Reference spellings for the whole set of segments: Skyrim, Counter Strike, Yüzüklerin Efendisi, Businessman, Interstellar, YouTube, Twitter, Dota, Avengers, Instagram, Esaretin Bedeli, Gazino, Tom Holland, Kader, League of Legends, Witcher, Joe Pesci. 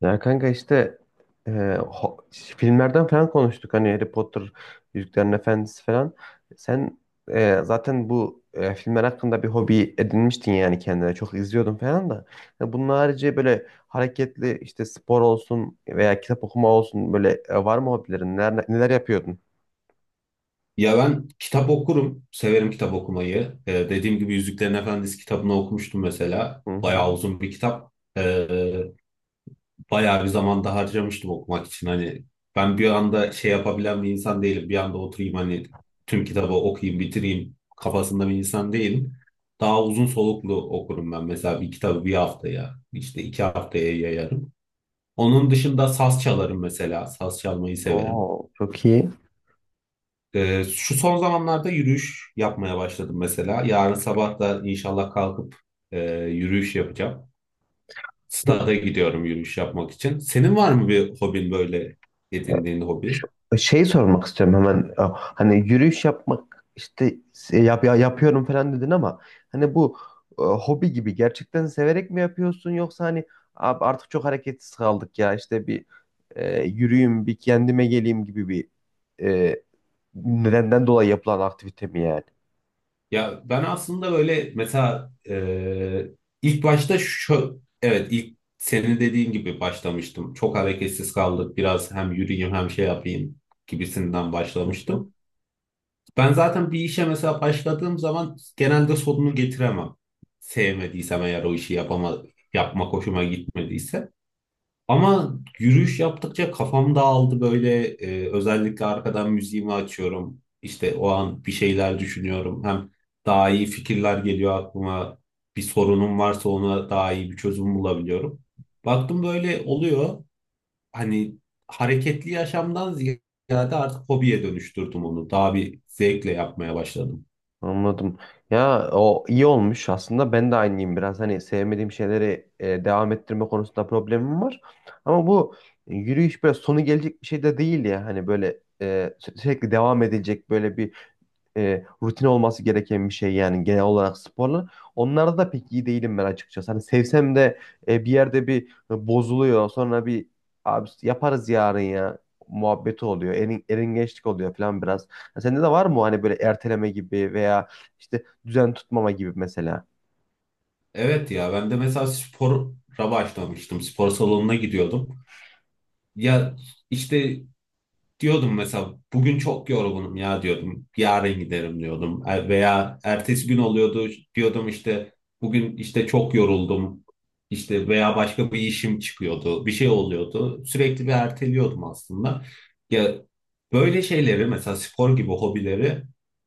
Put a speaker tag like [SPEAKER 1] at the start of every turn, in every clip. [SPEAKER 1] Ya kanka işte e, ho- filmlerden falan konuştuk hani Harry Potter, Yüzüklerin Efendisi falan. Sen zaten bu filmler hakkında bir hobi edinmiştin yani kendine çok izliyordun falan da. Ya bunun harici böyle hareketli işte spor olsun veya kitap okuma olsun böyle var mı hobilerin? Neler, neler yapıyordun?
[SPEAKER 2] Ya ben kitap okurum. Severim kitap okumayı. Dediğim gibi Yüzüklerin Efendisi kitabını okumuştum mesela.
[SPEAKER 1] Hı hı.
[SPEAKER 2] Bayağı uzun bir kitap. Ee, bayağı bir zaman da harcamıştım okumak için. Hani ben bir anda şey yapabilen bir insan değilim. Bir anda oturayım hani tüm kitabı okuyayım, bitireyim kafasında bir insan değilim. Daha uzun soluklu okurum ben. Mesela bir kitabı bir haftaya, işte iki haftaya yayarım. Onun dışında saz çalarım mesela. Saz çalmayı severim.
[SPEAKER 1] Oo, çok iyi.
[SPEAKER 2] Şu son zamanlarda yürüyüş yapmaya başladım mesela. Yarın sabah da inşallah kalkıp yürüyüş yapacağım. Stada gidiyorum yürüyüş yapmak için. Senin var mı bir hobin, böyle edindiğin hobi?
[SPEAKER 1] Şu- Şey sormak istiyorum hemen. Ya, hani yürüyüş yapmak işte yapıyorum falan dedin ama hani bu hobi gibi gerçekten severek mi yapıyorsun, yoksa hani "Abi artık çok hareketsiz kaldık ya, işte bir yürüyeyim, bir kendime geleyim" gibi bir e, nedenden dolayı yapılan aktivite mi yani?
[SPEAKER 2] Ya ben aslında böyle mesela ilk başta şu evet ilk senin dediğin gibi başlamıştım. Çok hareketsiz kaldık. Biraz hem yürüyeyim hem şey yapayım gibisinden başlamıştım. Ben zaten bir işe mesela başladığım zaman genelde sonunu getiremem. Sevmediysem eğer o işi yapmak hoşuma gitmediyse. Ama yürüyüş yaptıkça kafam dağıldı böyle, özellikle arkadan müziğimi açıyorum. İşte o an bir şeyler düşünüyorum. Hem daha iyi fikirler geliyor aklıma. Bir sorunum varsa ona daha iyi bir çözüm bulabiliyorum. Baktım böyle oluyor, hani hareketli yaşamdan ziyade artık hobiye dönüştürdüm onu. Daha bir zevkle yapmaya başladım.
[SPEAKER 1] Anladım. Ya o iyi olmuş aslında. Ben de aynıyım biraz. Hani sevmediğim şeyleri devam ettirme konusunda problemim var. Ama bu yürüyüş böyle sonu gelecek bir şey de değil ya. Hani böyle e, sürekli devam edilecek böyle bir rutin olması gereken bir şey yani, genel olarak sporla. Onlarda da pek iyi değilim ben açıkçası. Hani sevsem de bir yerde bir bozuluyor. Sonra bir "abi yaparız yarın ya" muhabbeti oluyor. Eringeçlik oluyor falan biraz. Ya sende de var mı hani böyle erteleme gibi veya işte düzen tutmama gibi mesela?
[SPEAKER 2] Evet, ya ben de mesela spora başlamıştım. Spor salonuna gidiyordum. Ya, işte diyordum mesela bugün çok yorgunum ya diyordum. Yarın giderim diyordum. Veya ertesi gün oluyordu, diyordum işte bugün işte çok yoruldum. İşte veya başka bir işim çıkıyordu. Bir şey oluyordu. Sürekli bir erteliyordum aslında. Ya böyle şeyleri mesela spor gibi hobileri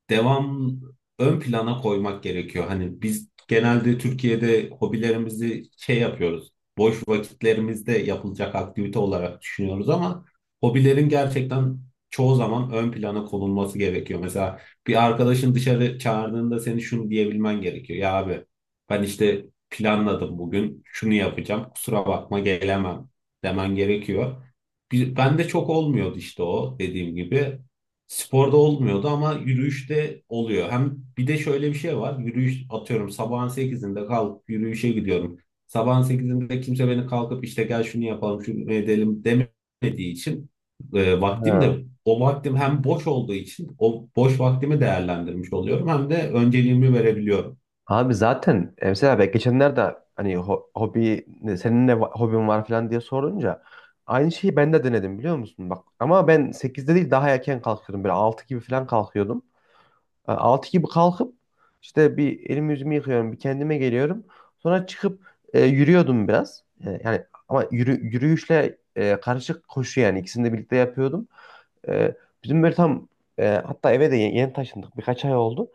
[SPEAKER 2] devam ön plana koymak gerekiyor. Hani biz genelde Türkiye'de hobilerimizi şey yapıyoruz. Boş vakitlerimizde yapılacak aktivite olarak düşünüyoruz, ama hobilerin gerçekten çoğu zaman ön plana konulması gerekiyor. Mesela bir arkadaşın dışarı çağırdığında seni şunu diyebilmen gerekiyor. Ya abi, ben işte planladım bugün şunu yapacağım, kusura bakma gelemem demen gerekiyor. Bende çok olmuyordu işte o dediğim gibi. Sporda olmuyordu ama yürüyüşte oluyor. Hem bir de şöyle bir şey var. Yürüyüş, atıyorum sabahın sekizinde kalkıp yürüyüşe gidiyorum. Sabahın sekizinde kimse beni kalkıp işte gel şunu yapalım şunu edelim demiyor, etmediği için vaktim de
[SPEAKER 1] Ha.
[SPEAKER 2] o vaktim hem boş olduğu için o boş vaktimi değerlendirmiş oluyorum, hem de önceliğimi verebiliyorum.
[SPEAKER 1] Abi zaten mesela ben geçenlerde hani hobi senin hobin var falan diye sorunca aynı şeyi ben de denedim, biliyor musun? Bak ama ben sekizde değil, daha erken kalkıyordum. Böyle 6 gibi falan kalkıyordum. 6 gibi kalkıp işte bir elimi yüzümü yıkıyorum, bir kendime geliyorum. Sonra çıkıp yürüyordum biraz. Yani ama yürüyüşle karışık koşu, yani ikisini de birlikte yapıyordum. Ee, bizim böyle tam hatta eve de yeni taşındık. Birkaç ay oldu.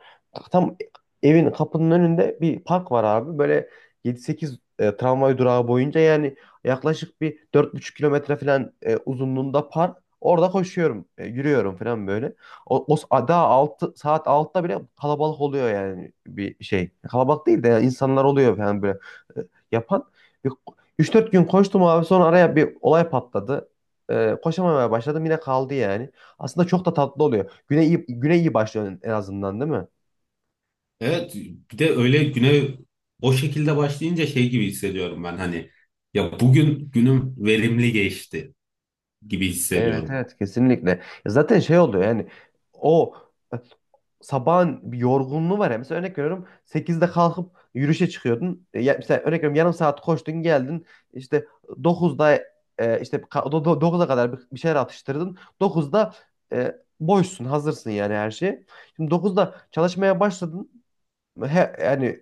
[SPEAKER 1] Tam evin kapının önünde bir park var abi. Böyle yedi sekiz tramvay durağı boyunca, yani yaklaşık bir 4,5 kilometre falan uzunluğunda park. Orada koşuyorum, yürüyorum falan böyle. O daha 6 saat 6'da bile kalabalık oluyor yani, bir şey. Kalabalık değil de yani insanlar oluyor falan böyle e, yapan. Bir 3-4 gün koştum abi, sonra araya bir olay patladı, koşamamaya başladım, yine kaldı yani. Aslında çok da tatlı oluyor. Güne iyi başlıyorsun en azından, değil mi?
[SPEAKER 2] Evet, bir de öyle güne o şekilde başlayınca şey gibi hissediyorum ben, hani ya bugün günüm verimli geçti gibi
[SPEAKER 1] Evet,
[SPEAKER 2] hissediyorum.
[SPEAKER 1] evet, kesinlikle. Ya zaten şey oluyor yani, o e, sabahın bir yorgunluğu var ya. Mesela örnek veriyorum, sekizde kalkıp yürüyüşe çıkıyordun. Ya, mesela örnek veriyorum, yarım saat koştun geldin. İşte dokuzda işte 9'a kadar bir şeyler atıştırdın. Dokuzda boşsun, hazırsın yani her şeye. Şimdi dokuzda çalışmaya başladın. Yani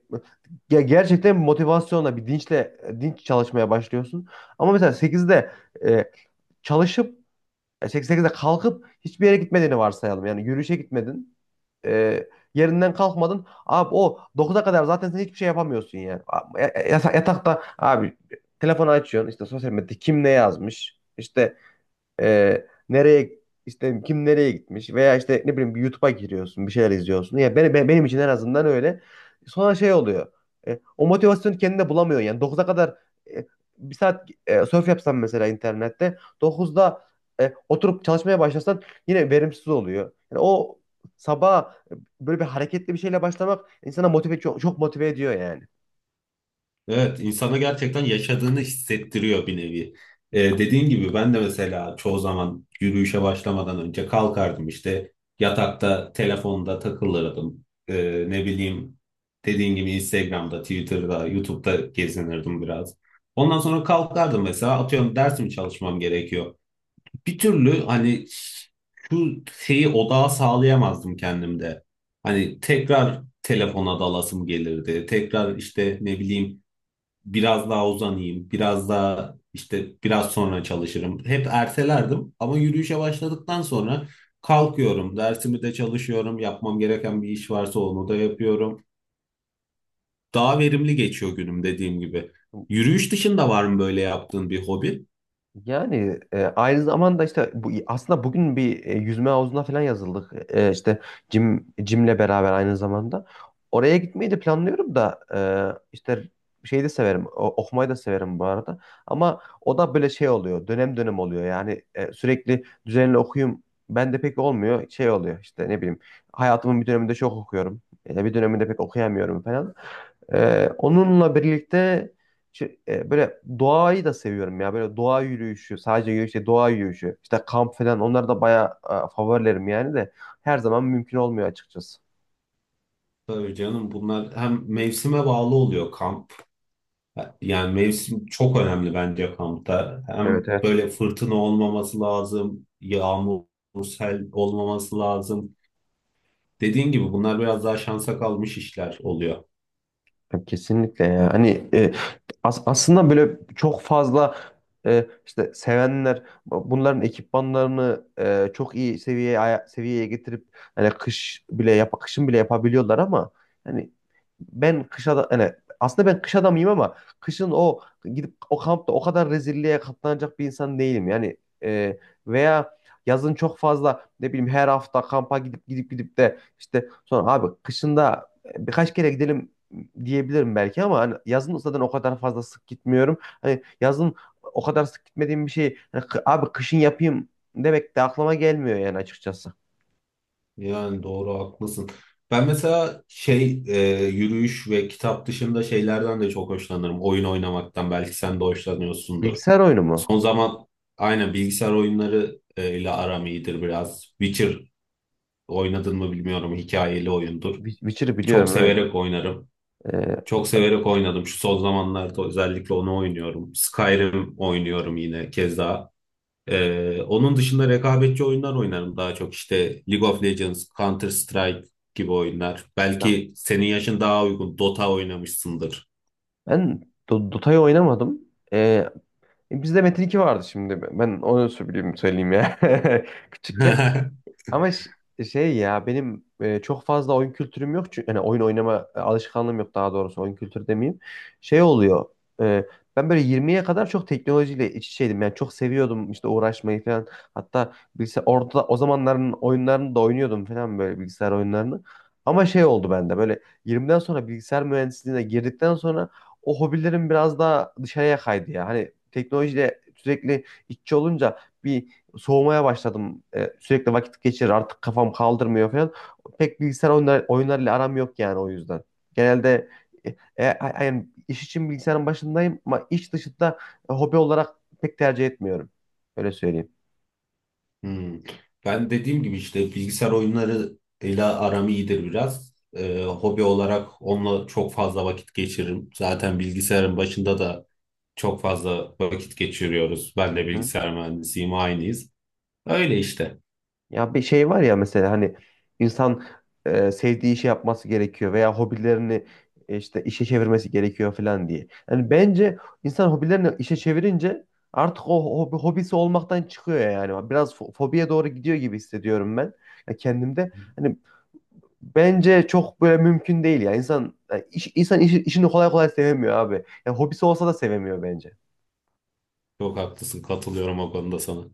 [SPEAKER 1] gerçekten motivasyonla, bir dinçle dinç çalışmaya başlıyorsun. Ama mesela sekizde e, çalışıp sekizde kalkıp hiçbir yere gitmediğini varsayalım. Yani yürüyüşe gitmedin. e, Yerinden kalkmadın. Abi o 9'a kadar zaten sen hiçbir şey yapamıyorsun yani. Yatakta abi telefonu açıyorsun. İşte sosyal medyada kim ne yazmış. İşte ee, nereye işte kim nereye gitmiş, veya işte ne bileyim bir YouTube'a giriyorsun, bir şeyler izliyorsun. Ya benim için en azından öyle. Sonra şey oluyor. O motivasyonu kendine bulamıyorsun yani, 9'a kadar e, bir saat surf yapsan mesela internette, dokuzda oturup çalışmaya başlasan yine verimsiz oluyor. Yani o sabah böyle bir hareketli bir şeyle başlamak insana çok, çok motive ediyor yani.
[SPEAKER 2] Evet, insana gerçekten yaşadığını hissettiriyor bir nevi. Dediğin gibi ben de mesela çoğu zaman yürüyüşe başlamadan önce kalkardım, işte yatakta telefonda takılırdım. Ne bileyim, dediğin gibi Instagram'da, Twitter'da, YouTube'da gezinirdim biraz. Ondan sonra kalkardım, mesela atıyorum dersimi çalışmam gerekiyor. Bir türlü hani şu şeyi odağa sağlayamazdım kendimde. Hani tekrar telefona dalasım gelirdi. Tekrar işte ne bileyim biraz daha uzanayım, biraz daha işte biraz sonra çalışırım. Hep ertelerdim, ama yürüyüşe başladıktan sonra kalkıyorum, dersimi de çalışıyorum, yapmam gereken bir iş varsa onu da yapıyorum. Daha verimli geçiyor günüm, dediğim gibi. Yürüyüş dışında var mı böyle yaptığın bir hobi?
[SPEAKER 1] Yani aynı zamanda işte bu, aslında bugün bir yüzme havuzuna falan yazıldık. İşte Jim'le beraber aynı zamanda. Oraya gitmeyi de planlıyorum da işte şeyi de severim. Okumayı da severim bu arada. Ama o da böyle şey oluyor. Dönem dönem oluyor. Yani sürekli düzenli okuyayım ben de pek olmuyor. Şey oluyor işte, ne bileyim. Hayatımın bir döneminde çok okuyorum. Bir döneminde pek okuyamıyorum falan. Onunla birlikte böyle doğayı da seviyorum ya. Böyle doğa yürüyüşü, sadece yürüyüş değil, doğa yürüyüşü. İşte kamp falan, onlar da bayağı favorilerim yani, de her zaman mümkün olmuyor açıkçası.
[SPEAKER 2] Tabii canım, bunlar hem mevsime bağlı oluyor, kamp. Yani mevsim çok önemli bence kampta.
[SPEAKER 1] Evet,
[SPEAKER 2] Hem
[SPEAKER 1] evet.
[SPEAKER 2] böyle fırtına olmaması lazım, yağmur, sel olmaması lazım. Dediğin gibi bunlar biraz daha şansa kalmış işler oluyor.
[SPEAKER 1] Ya, kesinlikle ya. Hani aslında böyle çok fazla işte sevenler bunların ekipmanlarını çok iyi seviyeye seviyeye getirip hani kışın bile yapabiliyorlar, ama hani ben kış adam hani aslında ben kış adamıyım, ama kışın o gidip o kampta o kadar rezilliğe katlanacak bir insan değilim. Yani e, veya yazın çok fazla ne bileyim, her hafta kampa gidip gidip gidip de işte sonra "abi kışında birkaç kere gidelim" diyebilirim belki, ama hani yazın zaten o kadar fazla sık gitmiyorum. Hani yazın o kadar sık gitmediğim bir şey hani, abi kışın yapayım demek de aklıma gelmiyor yani açıkçası.
[SPEAKER 2] Yani doğru, haklısın. Ben mesela şey, yürüyüş ve kitap dışında şeylerden de çok hoşlanırım. Oyun oynamaktan belki sen de hoşlanıyorsundur.
[SPEAKER 1] Bilgisayar oyunu mu?
[SPEAKER 2] Son zaman aynen, bilgisayar oyunları ile aram iyidir biraz. Witcher oynadın mı bilmiyorum, hikayeli oyundur.
[SPEAKER 1] Witcher'ı
[SPEAKER 2] Çok
[SPEAKER 1] biliyorum, evet.
[SPEAKER 2] severek oynarım. Çok
[SPEAKER 1] Hatta
[SPEAKER 2] severek oynadım. Şu son zamanlarda özellikle onu oynuyorum. Skyrim oynuyorum yine keza. Onun dışında rekabetçi oyunlar oynarım daha çok. İşte League of Legends, Counter Strike gibi oyunlar. Belki senin yaşın daha uygun. Dota oynamışsındır.
[SPEAKER 1] ben Dota'yı oynamadım. Ee, Bizde Metin 2 vardı şimdi. Ben onu söyleyeyim, söyleyeyim ya. Küçükken. Ama şey ya, benim çok fazla oyun kültürüm yok. Çünkü, yani oyun oynama alışkanlığım yok, daha doğrusu oyun kültürü demeyeyim. Şey oluyor. e, Ben böyle 20'ye kadar çok teknolojiyle iç içeydim. Yani çok seviyordum işte uğraşmayı falan. Hatta bilgisayar, orada o zamanların oyunlarını da oynuyordum falan, böyle bilgisayar oyunlarını. Ama şey oldu bende, böyle 20'den sonra bilgisayar mühendisliğine girdikten sonra o hobilerim biraz daha dışarıya kaydı ya. Hani teknolojiyle sürekli iççi olunca bir soğumaya başladım. Sürekli vakit geçirir, artık kafam kaldırmıyor falan. Pek bilgisayar oyunlarıyla aram yok yani, o yüzden. Genelde yani iş için bilgisayarın başındayım, ama iş dışında hobi olarak pek tercih etmiyorum. Öyle söyleyeyim.
[SPEAKER 2] Hmm. Ben dediğim gibi işte bilgisayar oyunlarıyla aram iyidir biraz. Hobi olarak onunla çok fazla vakit geçiririm. Zaten bilgisayarın başında da çok fazla vakit geçiriyoruz. Ben de bilgisayar mühendisiyim, aynıyız. Öyle işte.
[SPEAKER 1] Ya bir şey var ya, mesela hani insan sevdiği işi yapması gerekiyor, veya hobilerini işte işe çevirmesi gerekiyor falan diye. Yani bence insan hobilerini işe çevirince artık o hobisi olmaktan çıkıyor yani. Biraz fobiye doğru gidiyor gibi hissediyorum ben ya, kendimde. Hani bence çok böyle mümkün değil ya. İnsan ya iş, insan işini kolay kolay sevemiyor abi. Ya hobisi olsa da sevemiyor bence.
[SPEAKER 2] Çok haklısın, katılıyorum o konuda sana.